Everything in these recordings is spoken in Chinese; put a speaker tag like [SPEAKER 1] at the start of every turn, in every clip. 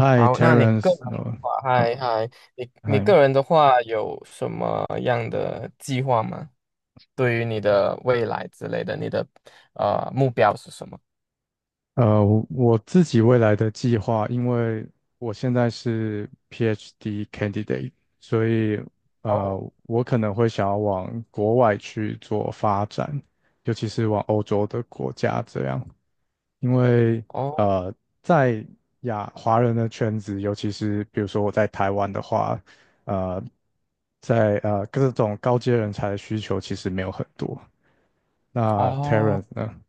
[SPEAKER 1] Hi,
[SPEAKER 2] 好，
[SPEAKER 1] t e
[SPEAKER 2] 那
[SPEAKER 1] r
[SPEAKER 2] 你
[SPEAKER 1] e n c
[SPEAKER 2] 个
[SPEAKER 1] e
[SPEAKER 2] 人的话，
[SPEAKER 1] 呃
[SPEAKER 2] 你
[SPEAKER 1] i
[SPEAKER 2] 个人的话有什么样的计划吗？对于你的未来之类的，你的目标是什么？
[SPEAKER 1] 我自己未来的计划，因为我现在是 PhD candidate，所以呃，
[SPEAKER 2] 哦
[SPEAKER 1] 我可能会想要往国外去做发展，尤其是往欧洲的国家这样，因为
[SPEAKER 2] 哦
[SPEAKER 1] 呃，在亚华人的圈子，尤其是比如说我在台湾的话，呃，在各种高阶人才的需求其实没有很多。那
[SPEAKER 2] 哦。
[SPEAKER 1] Terence 呢？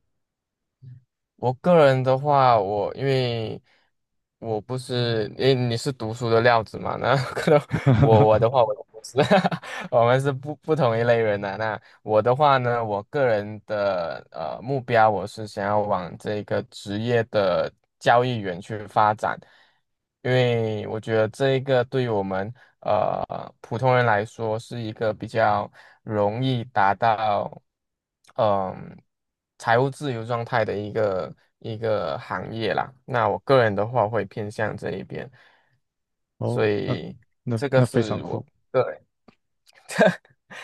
[SPEAKER 2] 我个人的话，我因为我不是，诶，你是读书的料子嘛？那 可能我的话，我不是，我们是不同一类人的、那我的话呢，我个人的目标，我是想要往这个职业的交易员去发展，因为我觉得这一个对于我们。普通人来说是一个比较容易达到嗯财务自由状态的一个行业啦。那我个人的话会偏向这一边，所
[SPEAKER 1] 哦，那
[SPEAKER 2] 以
[SPEAKER 1] 那
[SPEAKER 2] 这个
[SPEAKER 1] 那非常
[SPEAKER 2] 是我。
[SPEAKER 1] 酷。
[SPEAKER 2] 对，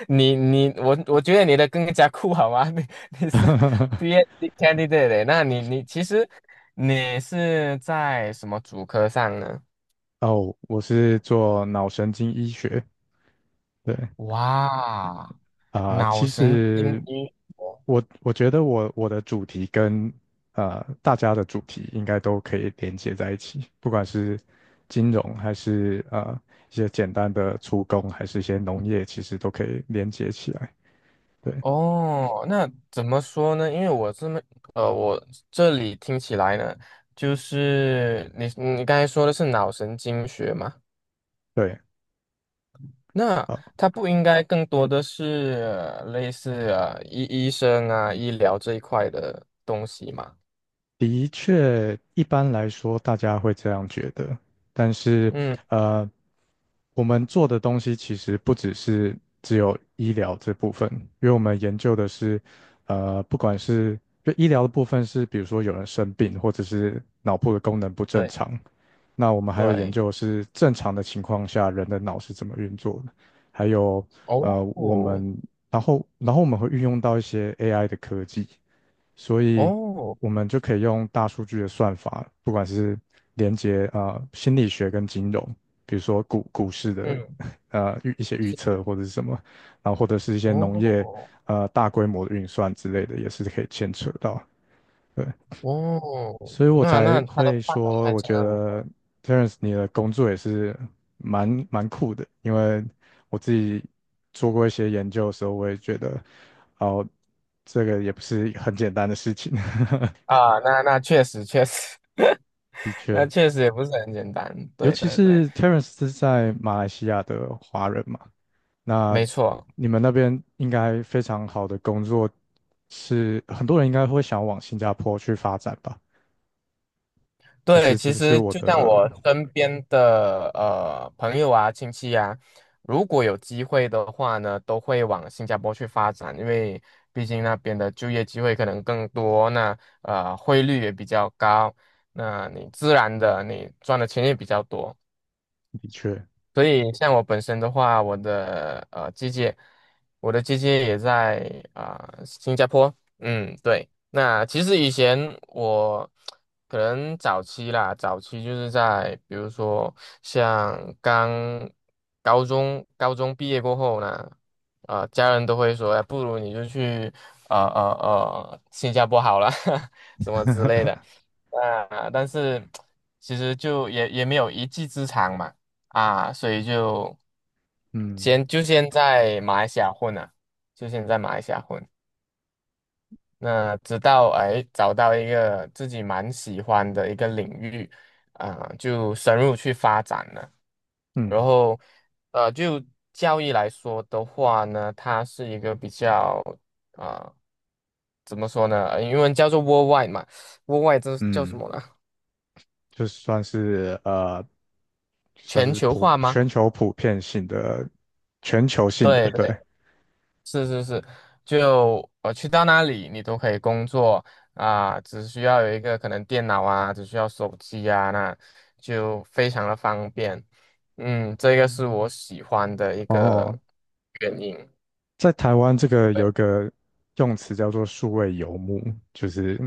[SPEAKER 2] 你我觉得你的更加酷好吗？你是 PhD candidate，那你其实你是在什么主科上呢？
[SPEAKER 1] 哦，我是做脑神经医学。对
[SPEAKER 2] 哇，
[SPEAKER 1] 啊、
[SPEAKER 2] 脑
[SPEAKER 1] 其
[SPEAKER 2] 神经
[SPEAKER 1] 实
[SPEAKER 2] 医
[SPEAKER 1] 我觉得我的主题跟大家的主题应该都可以连接在一起，不管是金融还是一些简单的出工，还是一些农业，其实都可以连接起来。对
[SPEAKER 2] 哦，那怎么说呢？因为我这么，我这里听起来呢，就是你刚才说的是脑神经学嘛，
[SPEAKER 1] 对，
[SPEAKER 2] 那它不应该更多的是类似医生啊、医疗这一块的东西嘛？
[SPEAKER 1] 的确，一般来说大家会这样觉得，但是
[SPEAKER 2] 嗯，
[SPEAKER 1] 呃，我们做的东西其实不只是只有医疗这部分，因为我们研究的是，不管是就医疗的部分是，比如说有人生病或者是脑部的功能不正
[SPEAKER 2] 对
[SPEAKER 1] 常，那我们还有研
[SPEAKER 2] 对，
[SPEAKER 1] 究的是正常的情况下人的脑是怎么运作的，还有
[SPEAKER 2] 哦
[SPEAKER 1] 我们然后我们会运用到一些 AI 的科技。所以
[SPEAKER 2] 哦，
[SPEAKER 1] 我们就可以用大数据的算法，不管是连接啊、心理学跟金融，比如说股市的
[SPEAKER 2] 嗯，
[SPEAKER 1] 呃预一些预
[SPEAKER 2] 是
[SPEAKER 1] 测
[SPEAKER 2] 的，
[SPEAKER 1] 或者是什么，然后或者是一些农业
[SPEAKER 2] 哦
[SPEAKER 1] 大规模的运算之类的，也是可以牵扯到。对，
[SPEAKER 2] 哦，
[SPEAKER 1] 所以我
[SPEAKER 2] 那
[SPEAKER 1] 才
[SPEAKER 2] 那它的
[SPEAKER 1] 会
[SPEAKER 2] 范围
[SPEAKER 1] 说，
[SPEAKER 2] 还
[SPEAKER 1] 我
[SPEAKER 2] 真
[SPEAKER 1] 觉
[SPEAKER 2] 的很广
[SPEAKER 1] 得 Terence 你的工作也是蛮酷的，因为我自己做过一些研究的时候，我也觉得哦。这个也不是很简单的事情，
[SPEAKER 2] 啊，那那确实。
[SPEAKER 1] 的
[SPEAKER 2] 那
[SPEAKER 1] 确，
[SPEAKER 2] 确实也不是很简单，
[SPEAKER 1] 尤
[SPEAKER 2] 对
[SPEAKER 1] 其
[SPEAKER 2] 对对，
[SPEAKER 1] 是 Terence 是在马来西亚的华人嘛，那
[SPEAKER 2] 没错，
[SPEAKER 1] 你们那边应该非常好的工作是，很多人应该会想往新加坡去发展吧？还
[SPEAKER 2] 对，
[SPEAKER 1] 是这
[SPEAKER 2] 其
[SPEAKER 1] 是
[SPEAKER 2] 实
[SPEAKER 1] 我
[SPEAKER 2] 就像
[SPEAKER 1] 的
[SPEAKER 2] 我身边的朋友啊、亲戚啊，如果有机会的话呢，都会往新加坡去发展，因为毕竟那边的就业机会可能更多，那汇率也比较高，那你自然的你赚的钱也比较多。
[SPEAKER 1] 的确，
[SPEAKER 2] 所以像我本身的话，我的姐姐，我的姐姐也在啊、新加坡。嗯，对。那其实以前我可能早期啦，早期就是在比如说像刚高中毕业过后呢，家人都会说，哎，不如你就去新加坡好了，什么之类的。啊、但是其实就也没有一技之长嘛。啊，所以就
[SPEAKER 1] 嗯
[SPEAKER 2] 先在马来西亚混啊，就先在马来西亚混。那直到哎找到一个自己蛮喜欢的一个领域，啊、就深入去发展了。然
[SPEAKER 1] 嗯
[SPEAKER 2] 后，就教育来说的话呢，它是一个比较啊、怎么说呢？呃英文叫做 worldwide 嘛，worldwide 这是叫什
[SPEAKER 1] 嗯，
[SPEAKER 2] 么呢？
[SPEAKER 1] 就算是算
[SPEAKER 2] 全
[SPEAKER 1] 是
[SPEAKER 2] 球
[SPEAKER 1] 普
[SPEAKER 2] 化吗？
[SPEAKER 1] 全球普遍性的全球性的，对，
[SPEAKER 2] 对是是是，就我去到那里，你都可以工作啊、只需要有一个可能电脑啊，只需要手机啊，那就非常的方便。嗯，这个是我喜欢的一
[SPEAKER 1] 哦，
[SPEAKER 2] 个原因。
[SPEAKER 1] 在台湾这个
[SPEAKER 2] 对
[SPEAKER 1] 有一个用词叫做数位游牧，就是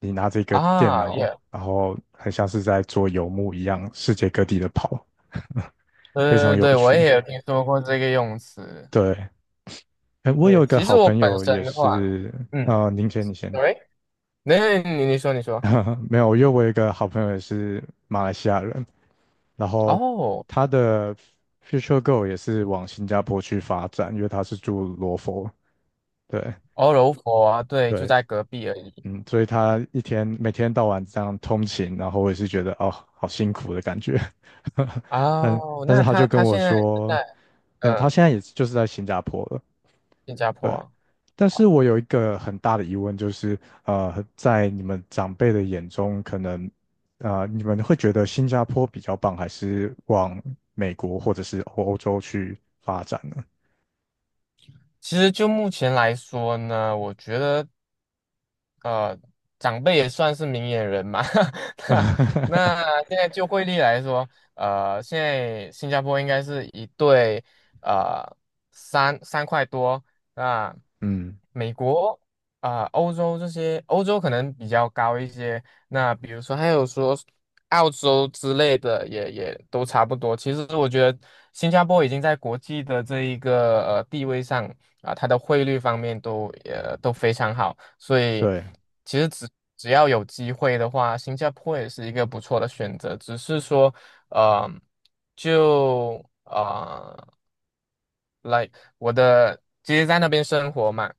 [SPEAKER 1] 你拿着一个电
[SPEAKER 2] 啊，
[SPEAKER 1] 脑，
[SPEAKER 2] 也
[SPEAKER 1] 然后很像是在做游牧一样，世界各地的跑，
[SPEAKER 2] 对
[SPEAKER 1] 非常
[SPEAKER 2] 对
[SPEAKER 1] 有
[SPEAKER 2] 对，我
[SPEAKER 1] 趣。
[SPEAKER 2] 也有听说过这个用词。
[SPEAKER 1] 对，哎，我
[SPEAKER 2] 对，
[SPEAKER 1] 有一个
[SPEAKER 2] 其实
[SPEAKER 1] 好
[SPEAKER 2] 我
[SPEAKER 1] 朋
[SPEAKER 2] 本
[SPEAKER 1] 友也
[SPEAKER 2] 身的话，
[SPEAKER 1] 是，
[SPEAKER 2] 嗯，
[SPEAKER 1] 您先，你先，
[SPEAKER 2] 喂，那你说你说，
[SPEAKER 1] 没有，因为我有一个好朋友也是马来西亚人，然后
[SPEAKER 2] 哦，
[SPEAKER 1] 他的 future goal 也是往新加坡去发展，因为他是住罗佛，对。
[SPEAKER 2] 欧柔佛啊，对，就
[SPEAKER 1] 对，
[SPEAKER 2] 在隔壁而已。
[SPEAKER 1] 嗯，所以他一天每天到晚这样通勤，然后我也是觉得哦，好辛苦的感觉。但
[SPEAKER 2] 哦，
[SPEAKER 1] 但是
[SPEAKER 2] 那
[SPEAKER 1] 他就
[SPEAKER 2] 他
[SPEAKER 1] 跟
[SPEAKER 2] 他
[SPEAKER 1] 我
[SPEAKER 2] 现在是
[SPEAKER 1] 说，
[SPEAKER 2] 在。
[SPEAKER 1] 那他现
[SPEAKER 2] 嗯。
[SPEAKER 1] 在也就是在新加坡了，
[SPEAKER 2] 新加坡
[SPEAKER 1] 对。
[SPEAKER 2] 啊，
[SPEAKER 1] 但是我有一个很大的疑问，就是在你们长辈的眼中，可能啊，你们会觉得新加坡比较棒，还是往美国或者是欧洲去发展呢？
[SPEAKER 2] 其实就目前来说呢，我觉得。呃，长辈也算是明眼人嘛。那 那现在就汇率来说，现在新加坡应该是一对呃三块多。那
[SPEAKER 1] 嗯，
[SPEAKER 2] 美国啊、欧洲这些，欧洲可能比较高一些。那比如说还有说澳洲之类的也，也都差不多。其实我觉得新加坡已经在国际的这一个地位上，啊，它的汇率方面都都非常好，所以
[SPEAKER 1] 对，
[SPEAKER 2] 其实只要有机会的话，新加坡也是一个不错的选择。只是说，呃，就，like 我的其实在那边生活嘛，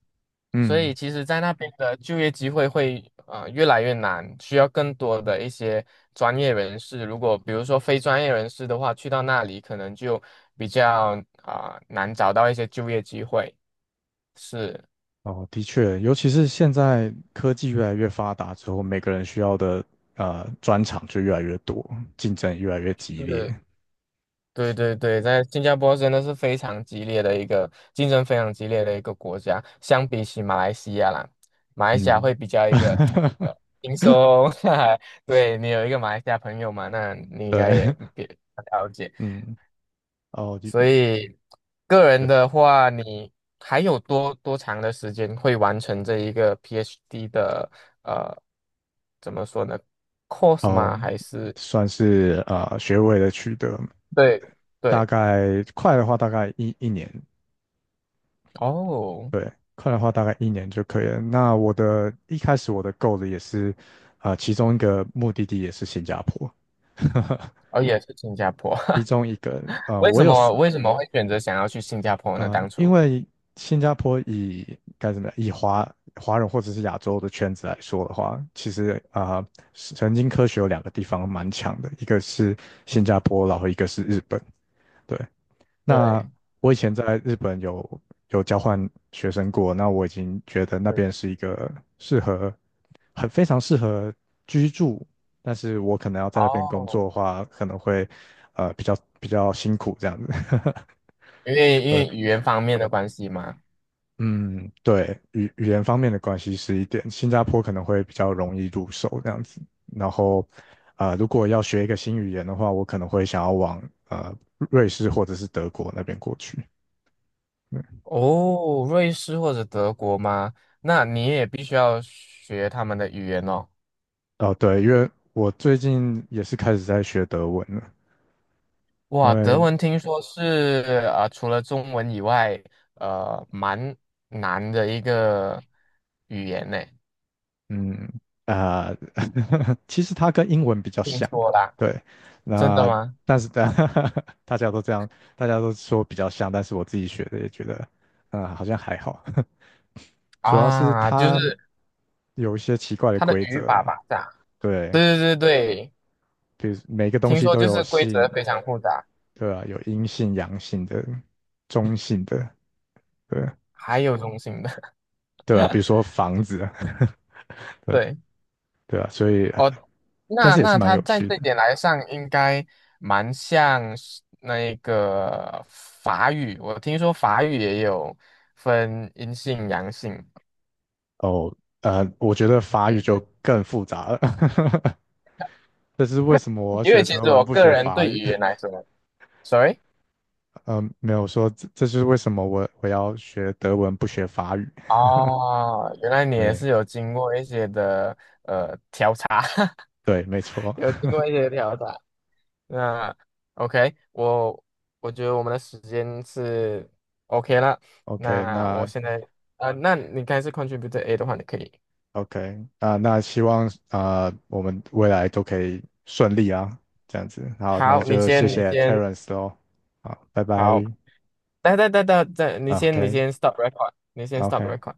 [SPEAKER 2] 所以
[SPEAKER 1] 嗯。
[SPEAKER 2] 其实在那边的就业机会会越来越难，需要更多的一些专业人士。如果比如说非专业人士的话，去到那里可能就比较啊、难找到一些就业机会。是。
[SPEAKER 1] 哦，的确，尤其是现在科技越来越发达之后，每个人需要的专长就越来越多，竞争也越来越激烈。
[SPEAKER 2] 是，对对对，在新加坡真的是非常激烈的一个竞争，非常激烈的一个国家。相比起马来西亚啦，马来西亚会
[SPEAKER 1] 嗯，
[SPEAKER 2] 比较一个 呃轻松。对你有一个马来西亚朋友嘛，那你应该
[SPEAKER 1] 对，
[SPEAKER 2] 也比较了解。
[SPEAKER 1] 嗯，哦，的
[SPEAKER 2] 所以个人
[SPEAKER 1] 对，
[SPEAKER 2] 的话，你还有多长的时间会完成这一个 PhD 的呃怎么说呢？course
[SPEAKER 1] 哦，
[SPEAKER 2] 嘛？还是
[SPEAKER 1] 算是学位的取得，
[SPEAKER 2] 对
[SPEAKER 1] 大
[SPEAKER 2] 对
[SPEAKER 1] 概快的话大概一年，
[SPEAKER 2] 哦。
[SPEAKER 1] 快的话大概一年就可以了。那我的一开始我的 goal 也是，其中一个目的地也是新加坡。
[SPEAKER 2] 哦，也是新加坡。
[SPEAKER 1] 其中一个，
[SPEAKER 2] 为
[SPEAKER 1] 我
[SPEAKER 2] 什
[SPEAKER 1] 有四
[SPEAKER 2] 么为什么会选择想要去新加坡呢？
[SPEAKER 1] 啊、
[SPEAKER 2] 当
[SPEAKER 1] 因
[SPEAKER 2] 初
[SPEAKER 1] 为新加坡以该怎么样，以华人或者是亚洲的圈子来说的话，其实啊、神经科学有两个地方蛮强的，一个是新加坡，然后一个是日本。对，那
[SPEAKER 2] 对，
[SPEAKER 1] 我以前在日本有交换学生过，那我已经觉得那
[SPEAKER 2] 嗯，
[SPEAKER 1] 边是一个适合很非常适合居住，但是我可能要在那边工
[SPEAKER 2] 哦，
[SPEAKER 1] 作的话，可能会比较辛苦这样子。
[SPEAKER 2] 因为语言方面的关系吗？
[SPEAKER 1] 嗯，对，语言方面的关系是一点，新加坡可能会比较容易入手这样子。然后，如果要学一个新语言的话，我可能会想要往呃瑞士或者是德国那边过去。嗯，
[SPEAKER 2] 哦，瑞士或者德国吗？那你也必须要学他们的语言哦。
[SPEAKER 1] 哦，对，因为我最近也是开始在学德文了，因
[SPEAKER 2] 哇，德
[SPEAKER 1] 为
[SPEAKER 2] 文听说是除了中文以外，蛮难的一个语言呢。
[SPEAKER 1] 嗯啊，其实它跟英文比较
[SPEAKER 2] 听
[SPEAKER 1] 像，
[SPEAKER 2] 说啦，
[SPEAKER 1] 对，
[SPEAKER 2] 真的
[SPEAKER 1] 那
[SPEAKER 2] 吗？
[SPEAKER 1] 但是大 大家都这样，大家都说比较像，但是我自己学的也觉得，啊好像还好。主要是
[SPEAKER 2] 啊，就
[SPEAKER 1] 它
[SPEAKER 2] 是
[SPEAKER 1] 有一些奇怪的
[SPEAKER 2] 它的
[SPEAKER 1] 规
[SPEAKER 2] 语
[SPEAKER 1] 则
[SPEAKER 2] 法
[SPEAKER 1] 啦，
[SPEAKER 2] 吧，是啊，
[SPEAKER 1] 对，
[SPEAKER 2] 对对对对。
[SPEAKER 1] 比如每个东
[SPEAKER 2] 听
[SPEAKER 1] 西
[SPEAKER 2] 说
[SPEAKER 1] 都
[SPEAKER 2] 就
[SPEAKER 1] 有
[SPEAKER 2] 是规
[SPEAKER 1] 性，
[SPEAKER 2] 则非常复杂，
[SPEAKER 1] 对啊，有阴性、阳性的、中性的，对
[SPEAKER 2] 还有中性的，
[SPEAKER 1] 对啊，比如说房子，对
[SPEAKER 2] 对，
[SPEAKER 1] 对啊，所以
[SPEAKER 2] 哦，
[SPEAKER 1] 但
[SPEAKER 2] 那
[SPEAKER 1] 是也是
[SPEAKER 2] 那
[SPEAKER 1] 蛮
[SPEAKER 2] 它
[SPEAKER 1] 有
[SPEAKER 2] 在
[SPEAKER 1] 趣
[SPEAKER 2] 这一
[SPEAKER 1] 的
[SPEAKER 2] 点来上应该蛮像是那个法语，我听说法语也有分阴性阳性，
[SPEAKER 1] 哦。我觉得法语就
[SPEAKER 2] 嗯
[SPEAKER 1] 更复杂了，这是为什么我要
[SPEAKER 2] 因
[SPEAKER 1] 学
[SPEAKER 2] 为其
[SPEAKER 1] 德
[SPEAKER 2] 实
[SPEAKER 1] 文
[SPEAKER 2] 我
[SPEAKER 1] 不
[SPEAKER 2] 个
[SPEAKER 1] 学
[SPEAKER 2] 人
[SPEAKER 1] 法
[SPEAKER 2] 对语
[SPEAKER 1] 语？
[SPEAKER 2] 言 来说，sorry，
[SPEAKER 1] 嗯，没有说这是为什么我要学德文不学法语。
[SPEAKER 2] 哦，原来 你也
[SPEAKER 1] 对
[SPEAKER 2] 是有经过一些的调查，
[SPEAKER 1] 对，没错。
[SPEAKER 2] 有经过一些调查。那 OK，我觉得我们的时间是 OK 了。
[SPEAKER 1] OK,
[SPEAKER 2] 那我
[SPEAKER 1] 那
[SPEAKER 2] 现在那你刚才是 contribute A 的话，你可以。
[SPEAKER 1] OK,啊，那希望啊，我们未来都可以顺利啊，这样子。好，那
[SPEAKER 2] 好，你
[SPEAKER 1] 就谢
[SPEAKER 2] 先，你哎
[SPEAKER 1] 谢
[SPEAKER 2] 先，
[SPEAKER 1] Terence 喽。好，拜
[SPEAKER 2] 好，
[SPEAKER 1] 拜。
[SPEAKER 2] 等，你
[SPEAKER 1] 啊
[SPEAKER 2] 先，你先 stop record，你先 stop
[SPEAKER 1] OK，OK。
[SPEAKER 2] record。